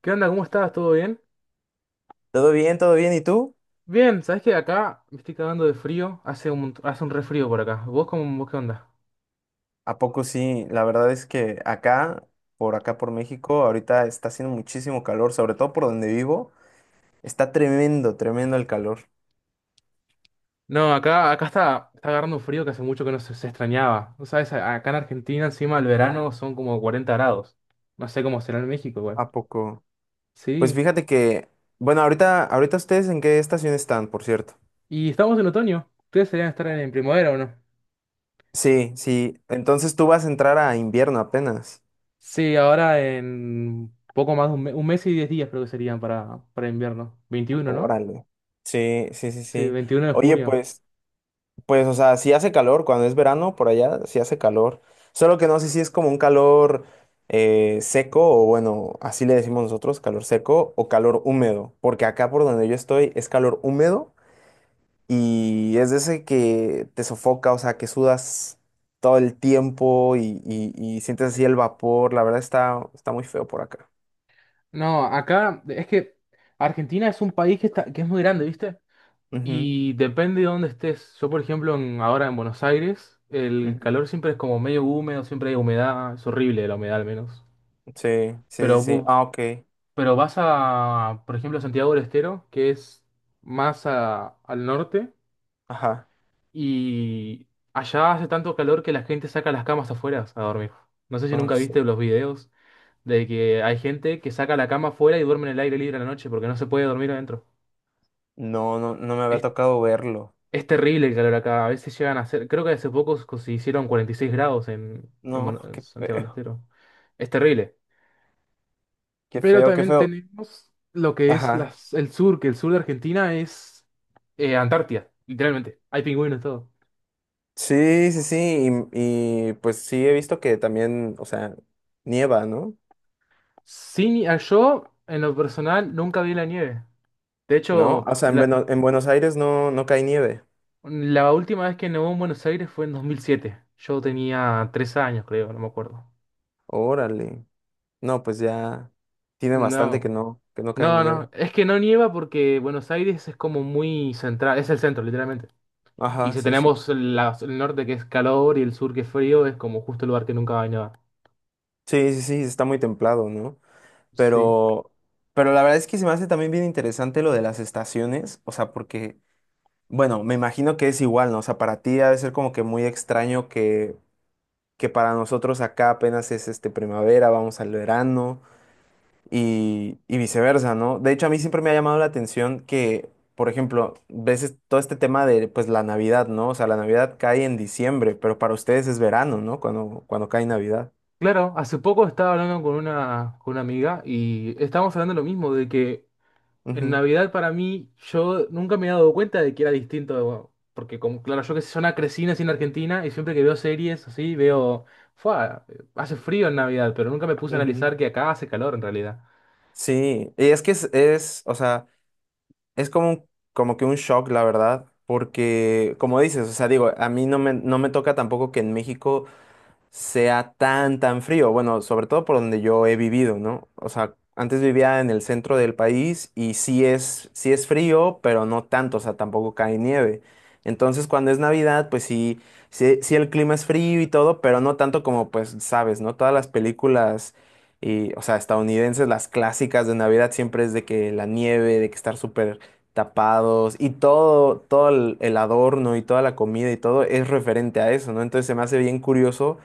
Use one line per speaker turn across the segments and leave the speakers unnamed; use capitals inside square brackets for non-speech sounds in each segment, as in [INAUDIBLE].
¿Qué onda? ¿Cómo estás? ¿Todo bien?
Todo bien, todo bien. ¿Y tú?
Bien, ¿sabés que acá me estoy cagando de frío? Hace un refrío por acá. ¿Vos qué onda?
¿A poco sí? La verdad es que acá, por acá por México, ahorita está haciendo muchísimo calor, sobre todo por donde vivo. Está tremendo, tremendo el calor.
No, acá está agarrando un frío que hace mucho que no se extrañaba. ¿No sabes? Acá en Argentina encima el verano son como 40 grados. No sé cómo será en México igual.
¿A poco? Pues
Sí.
fíjate que, bueno, ahorita ustedes en qué estación están, por cierto.
Y estamos en otoño. ¿Ustedes deberían estar en primavera o no?
Sí, sí. Entonces tú vas a entrar a invierno apenas.
Sí, ahora en poco más de un mes y 10 días creo que serían para invierno. 21, ¿no?
Órale. Sí, sí, sí,
Sí,
sí.
Veintiuno de
Oye,
junio.
pues. Pues, o sea, sí hace calor cuando es verano por allá, sí hace calor. Solo que no sé si es como un calor seco o bueno, así le decimos nosotros, calor seco o calor húmedo. Porque acá por donde yo estoy es calor húmedo y es de ese que te sofoca, o sea, que sudas todo el tiempo y sientes así el vapor. La verdad está, está muy feo por acá.
No, acá es que Argentina es un país que es muy grande, ¿viste?
Ujú,
Y depende de dónde estés. Yo, por ejemplo, ahora en Buenos Aires, el
ujú.
calor siempre es como medio húmedo, siempre hay humedad, es horrible la humedad al menos.
Sí, sí,
Pero,
sí, sí.
vo-
Ah, ok.
pero vas a, por ejemplo, Santiago del Estero, que es más al norte,
Ajá.
y allá hace tanto calor que la gente saca las camas afuera a dormir. No sé si
Ay,
nunca
sí.
viste los videos de que hay gente que saca la cama afuera y duerme en el aire libre a la noche porque no se puede dormir adentro.
No, no, no me había
Es,
tocado verlo.
es terrible el calor acá. A veces llegan a ser, creo que hace poco se hicieron 46 grados en, en, Buenos-
No,
en
qué
Santiago del
feo.
Estero. Es terrible.
Qué
Pero
feo, qué
también
feo.
tenemos lo que es
Ajá.
el sur, que el sur de Argentina es Antártida, literalmente. Hay pingüinos y todo.
Sí, sí, sí. Y, pues sí he visto que también, o sea, nieva, ¿no?
Sí, yo, en lo personal, nunca vi la nieve. De
¿No? O
hecho,
sea, Ajá. en,
la,
Beno- en Buenos Aires no, no cae nieve.
la última vez que nevó en Buenos Aires fue en 2007. Yo tenía 3 años, creo, no me acuerdo.
Órale. No, pues ya tiene bastante
No.
que no cae
No,
nieve.
no, es que no nieva porque Buenos Aires es como muy central, es el centro, literalmente. Y
Ajá,
si
sí, sí.
tenemos el norte que es calor y el sur que es frío, es como justo el lugar que nunca va a nevar.
Sí, sí, sí, está muy templado, ¿no?
Sí.
Pero, pero la verdad es que se me hace también bien interesante lo de las estaciones. O sea, porque, bueno, me imagino que es igual, ¿no? O sea, para ti ha de ser como que muy extraño que para nosotros acá apenas es este primavera, vamos al verano y viceversa, ¿no? De hecho, a mí siempre me ha llamado la atención que, por ejemplo, veces todo este tema de pues la Navidad, ¿no? O sea, la Navidad cae en diciembre, pero para ustedes es verano, ¿no? Cuando, cuando cae Navidad.
Claro, hace poco estaba hablando con una amiga y estábamos hablando lo mismo, de que en
Ujú,
Navidad para mí yo nunca me he dado cuenta de que era distinto, porque como, claro, yo que sé, yo na- crecí nací en Argentina y siempre que veo series así, veo, "Fua, hace frío en Navidad", pero nunca me puse a
ujú.
analizar que acá hace calor en realidad.
Sí, y es que es, o sea, es como un- como que un shock, la verdad, porque como dices, o sea, digo, a mí no me, no me toca tampoco que en México sea tan, tan frío. Bueno, sobre todo por donde yo he vivido, ¿no? O sea, antes vivía en el centro del país y sí es frío, pero no tanto, o sea, tampoco cae nieve. Entonces, cuando es Navidad, pues sí, sí, sí el clima es frío y todo, pero no tanto como, pues, sabes, ¿no? Todas las películas, y, o sea, estadounidenses, las clásicas de Navidad siempre es de que la nieve, de que estar súper tapados y todo, todo el adorno y toda la comida y todo es referente a eso, ¿no? Entonces se me hace bien curioso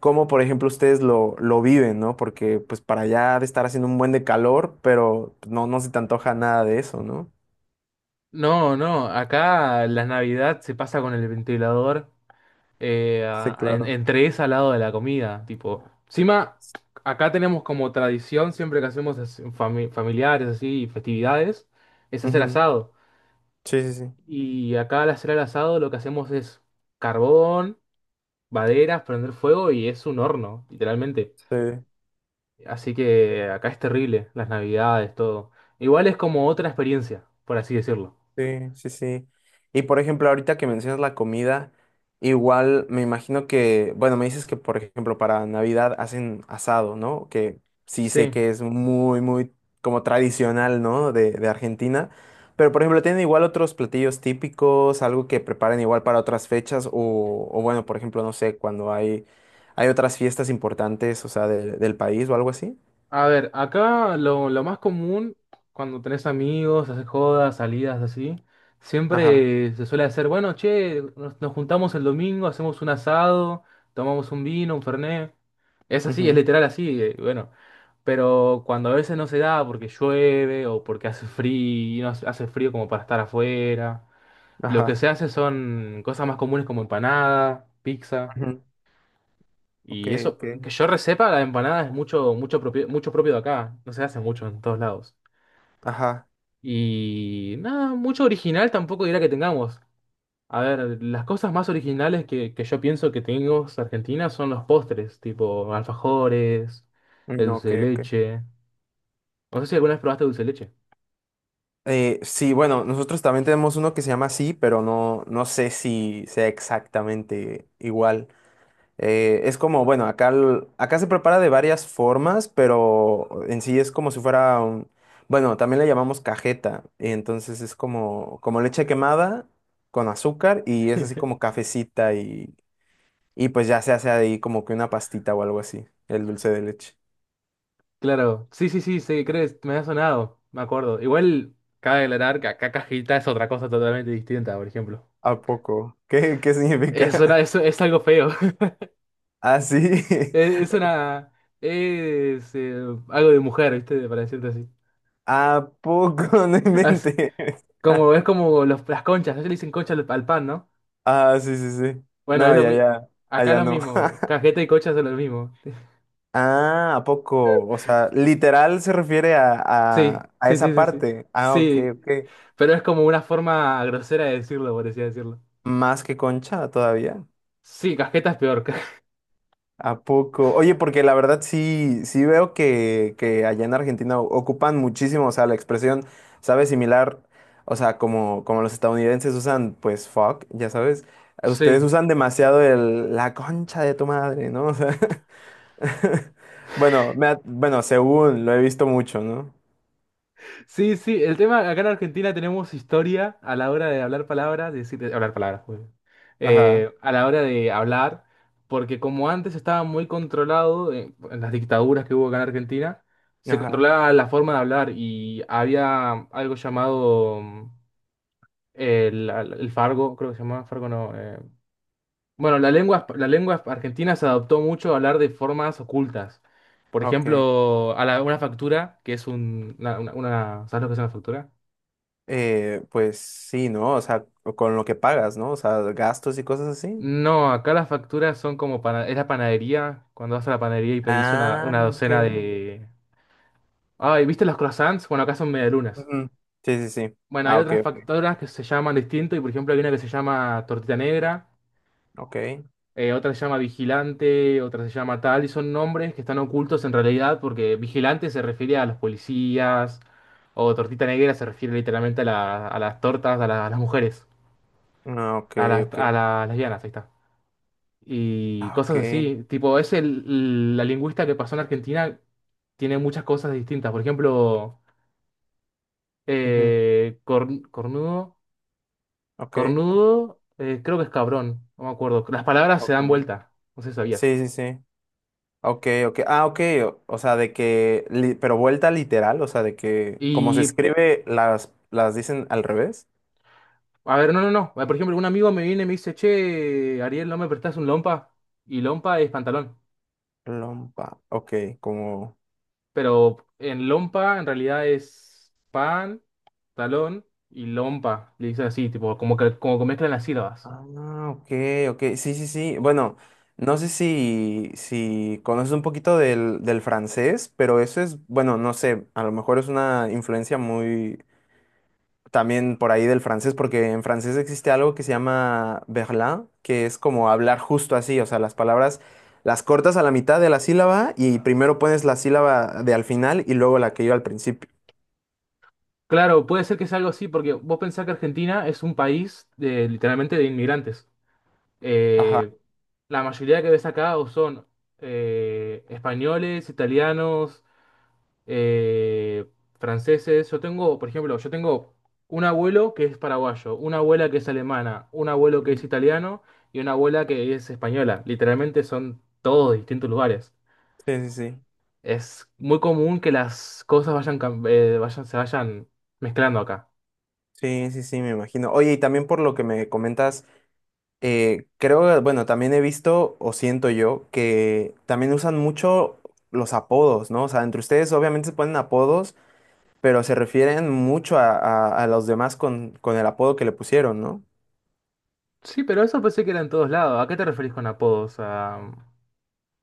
cómo, por ejemplo, ustedes lo viven, ¿no? Porque pues para allá ha de estar haciendo un buen de calor, pero pues, no, no se te antoja nada de eso, ¿no?
No, no, acá la Navidad se pasa con el ventilador, eh,
Sí,
a- en-
claro.
entre esa al lado de la comida, tipo. Encima, acá tenemos como tradición, siempre que hacemos familiares así, festividades, es hacer
Ujú.
asado.
Sí, sí, sí.
Y acá al hacer el asado lo que hacemos es carbón, maderas, prender fuego, y es un horno, literalmente.
Sí.
Así que acá es terrible, las Navidades, todo. Igual es como otra experiencia, por así decirlo.
Sí, sí, sí. Y por ejemplo, ahorita que mencionas la comida, igual me imagino que, bueno, me dices que por ejemplo para Navidad hacen asado, ¿no? Que sí sé
Sí.
que es muy, muy como tradicional, ¿no? De Argentina. Pero por ejemplo, ¿tienen igual otros platillos típicos, algo que preparen igual para otras fechas? O bueno, por ejemplo, no sé, cuando hay otras fiestas importantes, o sea, del país o algo así.
A ver, acá lo más común cuando tenés amigos, haces jodas, salidas así,
Ajá.
siempre se suele hacer, bueno, che, nos juntamos el domingo, hacemos un asado, tomamos un vino, un fernet. Es así, es
Ujú.
literal así, bueno. Pero cuando a veces no se da porque llueve o porque hace frío, hace frío como para estar afuera, lo que
Ajá.
se hace son cosas más comunes como empanada, pizza.
Ujú. Ok,
Y eso,
ok.
que yo resepa, la empanada es mucho, mucho propio de acá. No se hace mucho en todos lados.
Ajá.
Y nada, mucho original tampoco dirá que tengamos. A ver, las cosas más originales que yo pienso que tenemos Argentina son los postres, tipo alfajores, el
No,
dulce
ok,
de
ok.
leche. No sé si alguna vez probaste dulce de leche.
Sí, bueno, nosotros también tenemos uno que se llama así, pero no, no sé si sea exactamente igual. Es como, bueno, acá, acá se prepara de varias formas, pero en sí es como si fuera un, bueno, también le llamamos cajeta. Entonces es como, como leche quemada con azúcar y es así
[LAUGHS]
como cafecita y pues ya se hace ahí como que una pastita o algo así, el dulce de leche.
Claro, sí, sí, sí, sí, crees, me ha sonado, me acuerdo. Igual cabe aclarar que acá cajita es otra cosa totalmente distinta, por ejemplo.
¿A poco? ¿Qué, qué
Es,
significa?
una-
[LAUGHS]
es, es algo feo. [LAUGHS]
Ah, sí. [LAUGHS]
Es una. Es algo de mujer, ¿viste? Para decirte así.
¿A poco? [LAUGHS] No
[LAUGHS] Es
inventes. [LAUGHS]
es como las conchas. Ellos le dicen concha al pan, ¿no?
Ah, sí, sí, sí.
Bueno,
No, ya, ya.
Acá es
Allá
lo
no.
mismo.
[LAUGHS]
Cajeta y concha son lo mismo.
Ah, ¿a poco? O sea, literal se refiere
Sí,
a
sí, sí,
esa
sí, sí.
parte. Ah, ok,
Sí.
ok.
Pero es como una forma grosera de decirlo, por así decirlo.
Más que concha todavía.
Sí, cajeta es peor.
¿A poco? Oye, porque la verdad sí, sí veo que allá en Argentina ocupan muchísimo, o sea, la expresión, ¿sabes? Similar, o sea, como, como los estadounidenses usan, pues, fuck, ya sabes. Ustedes
[LAUGHS] Sí.
usan demasiado el, la concha de tu madre, ¿no? O sea. [LAUGHS] [LAUGHS] Bueno, según lo he visto mucho, ¿no?
Sí, sí, el tema, acá en Argentina tenemos historia a la hora de hablar palabras, de decir, de hablar palabras, joder.
Ajá,
A la hora de hablar, porque como antes estaba muy controlado, en las dictaduras que hubo acá en Argentina, se
ajá,
controlaba la forma de hablar y había algo llamado el fargo, creo que se llamaba fargo, no. Bueno, la lengua argentina se adoptó mucho a hablar de formas ocultas. Por
ok.
ejemplo, una factura, que es un, una- ¿sabes lo que es una factura?
Pues sí, ¿no? O sea, con lo que pagas, ¿no? O sea, gastos y cosas así.
No, acá las facturas son como para... Es la panadería, cuando vas a la panadería y pedís una,
Ah,
una
ok.
docena de... Ay, ¿viste los croissants? Bueno, acá son medialunas.
Ujú. Sí, sí, sí.
Bueno, hay
Ah, ok,
otras
ok,
facturas que se llaman distinto y por ejemplo hay una que se llama tortita negra,
ok.
otra se llama vigilante, otra se llama tal, y son nombres que están ocultos en realidad porque vigilante se refiere a los policías, o tortita negra se refiere literalmente a, a las tortas, a, a las mujeres,
Ah, ok,
a las,
ok.
a las lesbianas, ahí está. Y
Ah, ok.
cosas así. Tipo, es la lingüista que pasó en Argentina, tiene muchas cosas distintas. Por ejemplo,
Ujú.
cornudo,
Ok,
cornudo, creo que es cabrón, no me acuerdo. Las palabras se dan
ok.
vuelta, no sé si sabías.
Sí, sí, sí. Ok, ok. Ah, ok. O sea, de que, pero vuelta literal, o sea, de que como se
Y,
escribe, las dicen al revés.
a ver, no, no, no. Por ejemplo, un amigo me viene y me dice, che, Ariel, ¿no me prestás un lompa? Y lompa es pantalón.
Lompa. Ok, como...
Pero en lompa en realidad es pan, talón y lompa. Le dicen así, tipo, como que mezclan las sílabas.
Ah, ok, ok. Sí, sí, sí. Bueno, no sé si, si conoces un poquito del, del francés, pero eso es, bueno, no sé, a lo mejor es una influencia muy también por ahí del francés, porque en francés existe algo que se llama verlan, que es como hablar justo así, o sea, las palabras las cortas a la mitad de la sílaba y primero pones la sílaba de al final y luego la que iba al principio.
Claro, puede ser que sea algo así, porque vos pensás que Argentina es un país de, literalmente de inmigrantes.
Ajá.
Eh, la mayoría que ves acá o son españoles, italianos, eh, franceses. Yo tengo, por ejemplo, yo tengo un abuelo que es paraguayo, una abuela que es alemana, un abuelo que es
Ujú.
italiano y una abuela que es española. Literalmente son todos de distintos lugares.
Sí, sí, sí.
Es muy común que las cosas se vayan mezclando acá.
Sí, sí, sí, me imagino. Oye, y también por lo que me comentas, creo, bueno, también he visto o siento yo que también usan mucho los apodos, ¿no? O sea, entre ustedes obviamente se ponen apodos, pero se refieren mucho a, a los demás con el apodo que le pusieron, ¿no?
Sí, pero eso pensé que era en todos lados. ¿A qué te referís con apodos? A...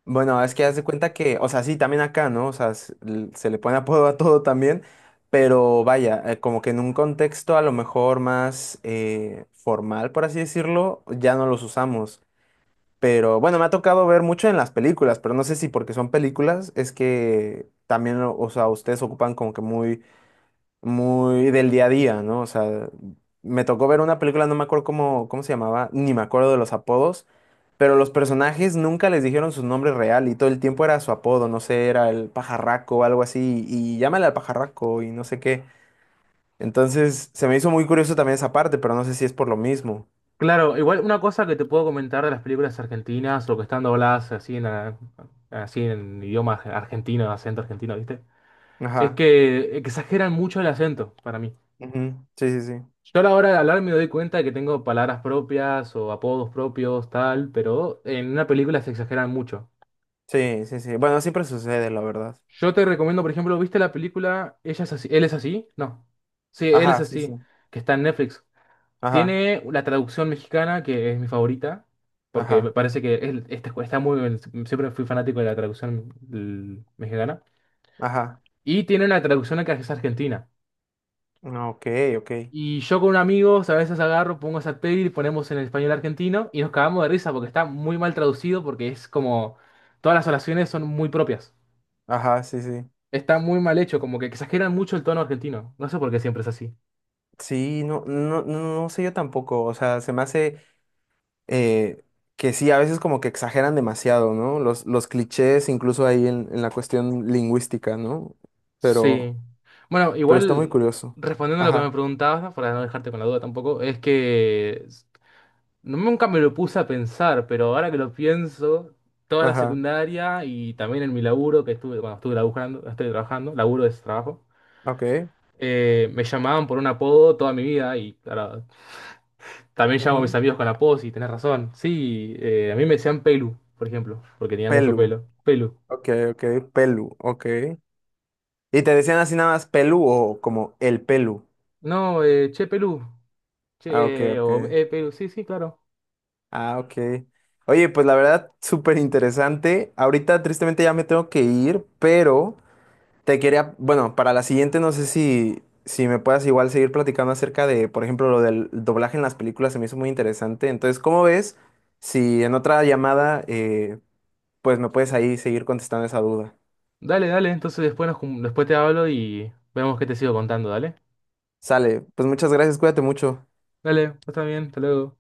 Bueno, es que haz de cuenta que, o sea, sí, también acá, ¿no? O sea, se le pone apodo a todo también, pero vaya, como que en un contexto a lo mejor más formal, por así decirlo, ya no los usamos. Pero bueno, me ha tocado ver mucho en las películas, pero no sé si porque son películas es que también, o sea, ustedes ocupan como que muy, muy del día a día, ¿no? O sea, me tocó ver una película, no me acuerdo cómo, cómo se llamaba, ni me acuerdo de los apodos, pero los personajes nunca les dijeron su nombre real y todo el tiempo era su apodo, no sé, era el pajarraco o algo así, y llámale al pajarraco y no sé qué. Entonces, se me hizo muy curioso también esa parte, pero no sé si es por lo mismo.
Claro, igual una cosa que te puedo comentar de las películas argentinas o que están dobladas así en idioma argentino, acento argentino, ¿viste? Es
Ajá.
que exageran mucho el acento para mí.
Ujú. Sí, sí, sí.
Yo a la hora de hablar me doy cuenta de que tengo palabras propias o apodos propios, tal, pero en una película se exageran mucho.
Sí, sí, sí. Bueno, siempre sucede, la verdad.
Yo te recomiendo, por ejemplo, ¿viste la película Ella es así? ¿Él es así? No. Sí, él es
Ajá, sí, sí.
así, que está en Netflix.
Ajá,
Tiene la traducción mexicana, que es mi favorita, porque me
ajá,
parece que está muy bien. Siempre fui fanático de la traducción mexicana.
ajá.
Y tiene una traducción que es argentina.
Ah, Ok, ok.
Y yo con amigos a veces agarro, pongo esa peli y ponemos en el español argentino y nos cagamos de risa porque está muy mal traducido, porque es como todas las oraciones son muy propias.
Ajá, sí, sí.
Está muy mal hecho, como que exageran mucho el tono argentino. No sé por qué siempre es así.
Sí, no, no, no, no sé yo tampoco. O sea, se me hace eh, que sí, a veces como que exageran demasiado, ¿no? Los clichés, incluso ahí en la cuestión lingüística, ¿no?
Sí.
Pero,
Bueno,
pero está muy
igual,
curioso.
respondiendo a lo que me
Ajá,
preguntabas, para no dejarte con la duda tampoco, es que nunca me lo puse a pensar, pero ahora que lo pienso, toda la
ajá,
secundaria y también en mi laburo, que estuve, cuando estuve laburando, estoy trabajando, laburo es trabajo,
ok.
me llamaban por un apodo toda mi vida y claro, también llamo a mis
Ujú.
amigos con apodos y tenés razón. Sí, a mí me decían Pelu, por ejemplo, porque tenía mucho
Pelu.
pelo. Pelu.
Ok, ok, pelu, ok. ¿Y te decían así nada más pelu o como el pelu?
No, che, Pelu.
Ah, ok,
Che,
ok.
o Pelu, sí, sí, claro.
Ah, ok. Oye, pues la verdad, súper interesante. Ahorita tristemente ya me tengo que ir, pero te quería, bueno, para la siguiente no sé si, si me puedas igual seguir platicando acerca de, por ejemplo, lo del doblaje en las películas, se me hizo muy interesante. Entonces, ¿cómo ves si en otra llamada, pues me puedes ahí seguir contestando esa duda?
Dale, dale, entonces después te hablo y vemos qué te sigo contando, dale.
Sale, pues muchas gracias, cuídate mucho.
Dale, está bien, hasta luego.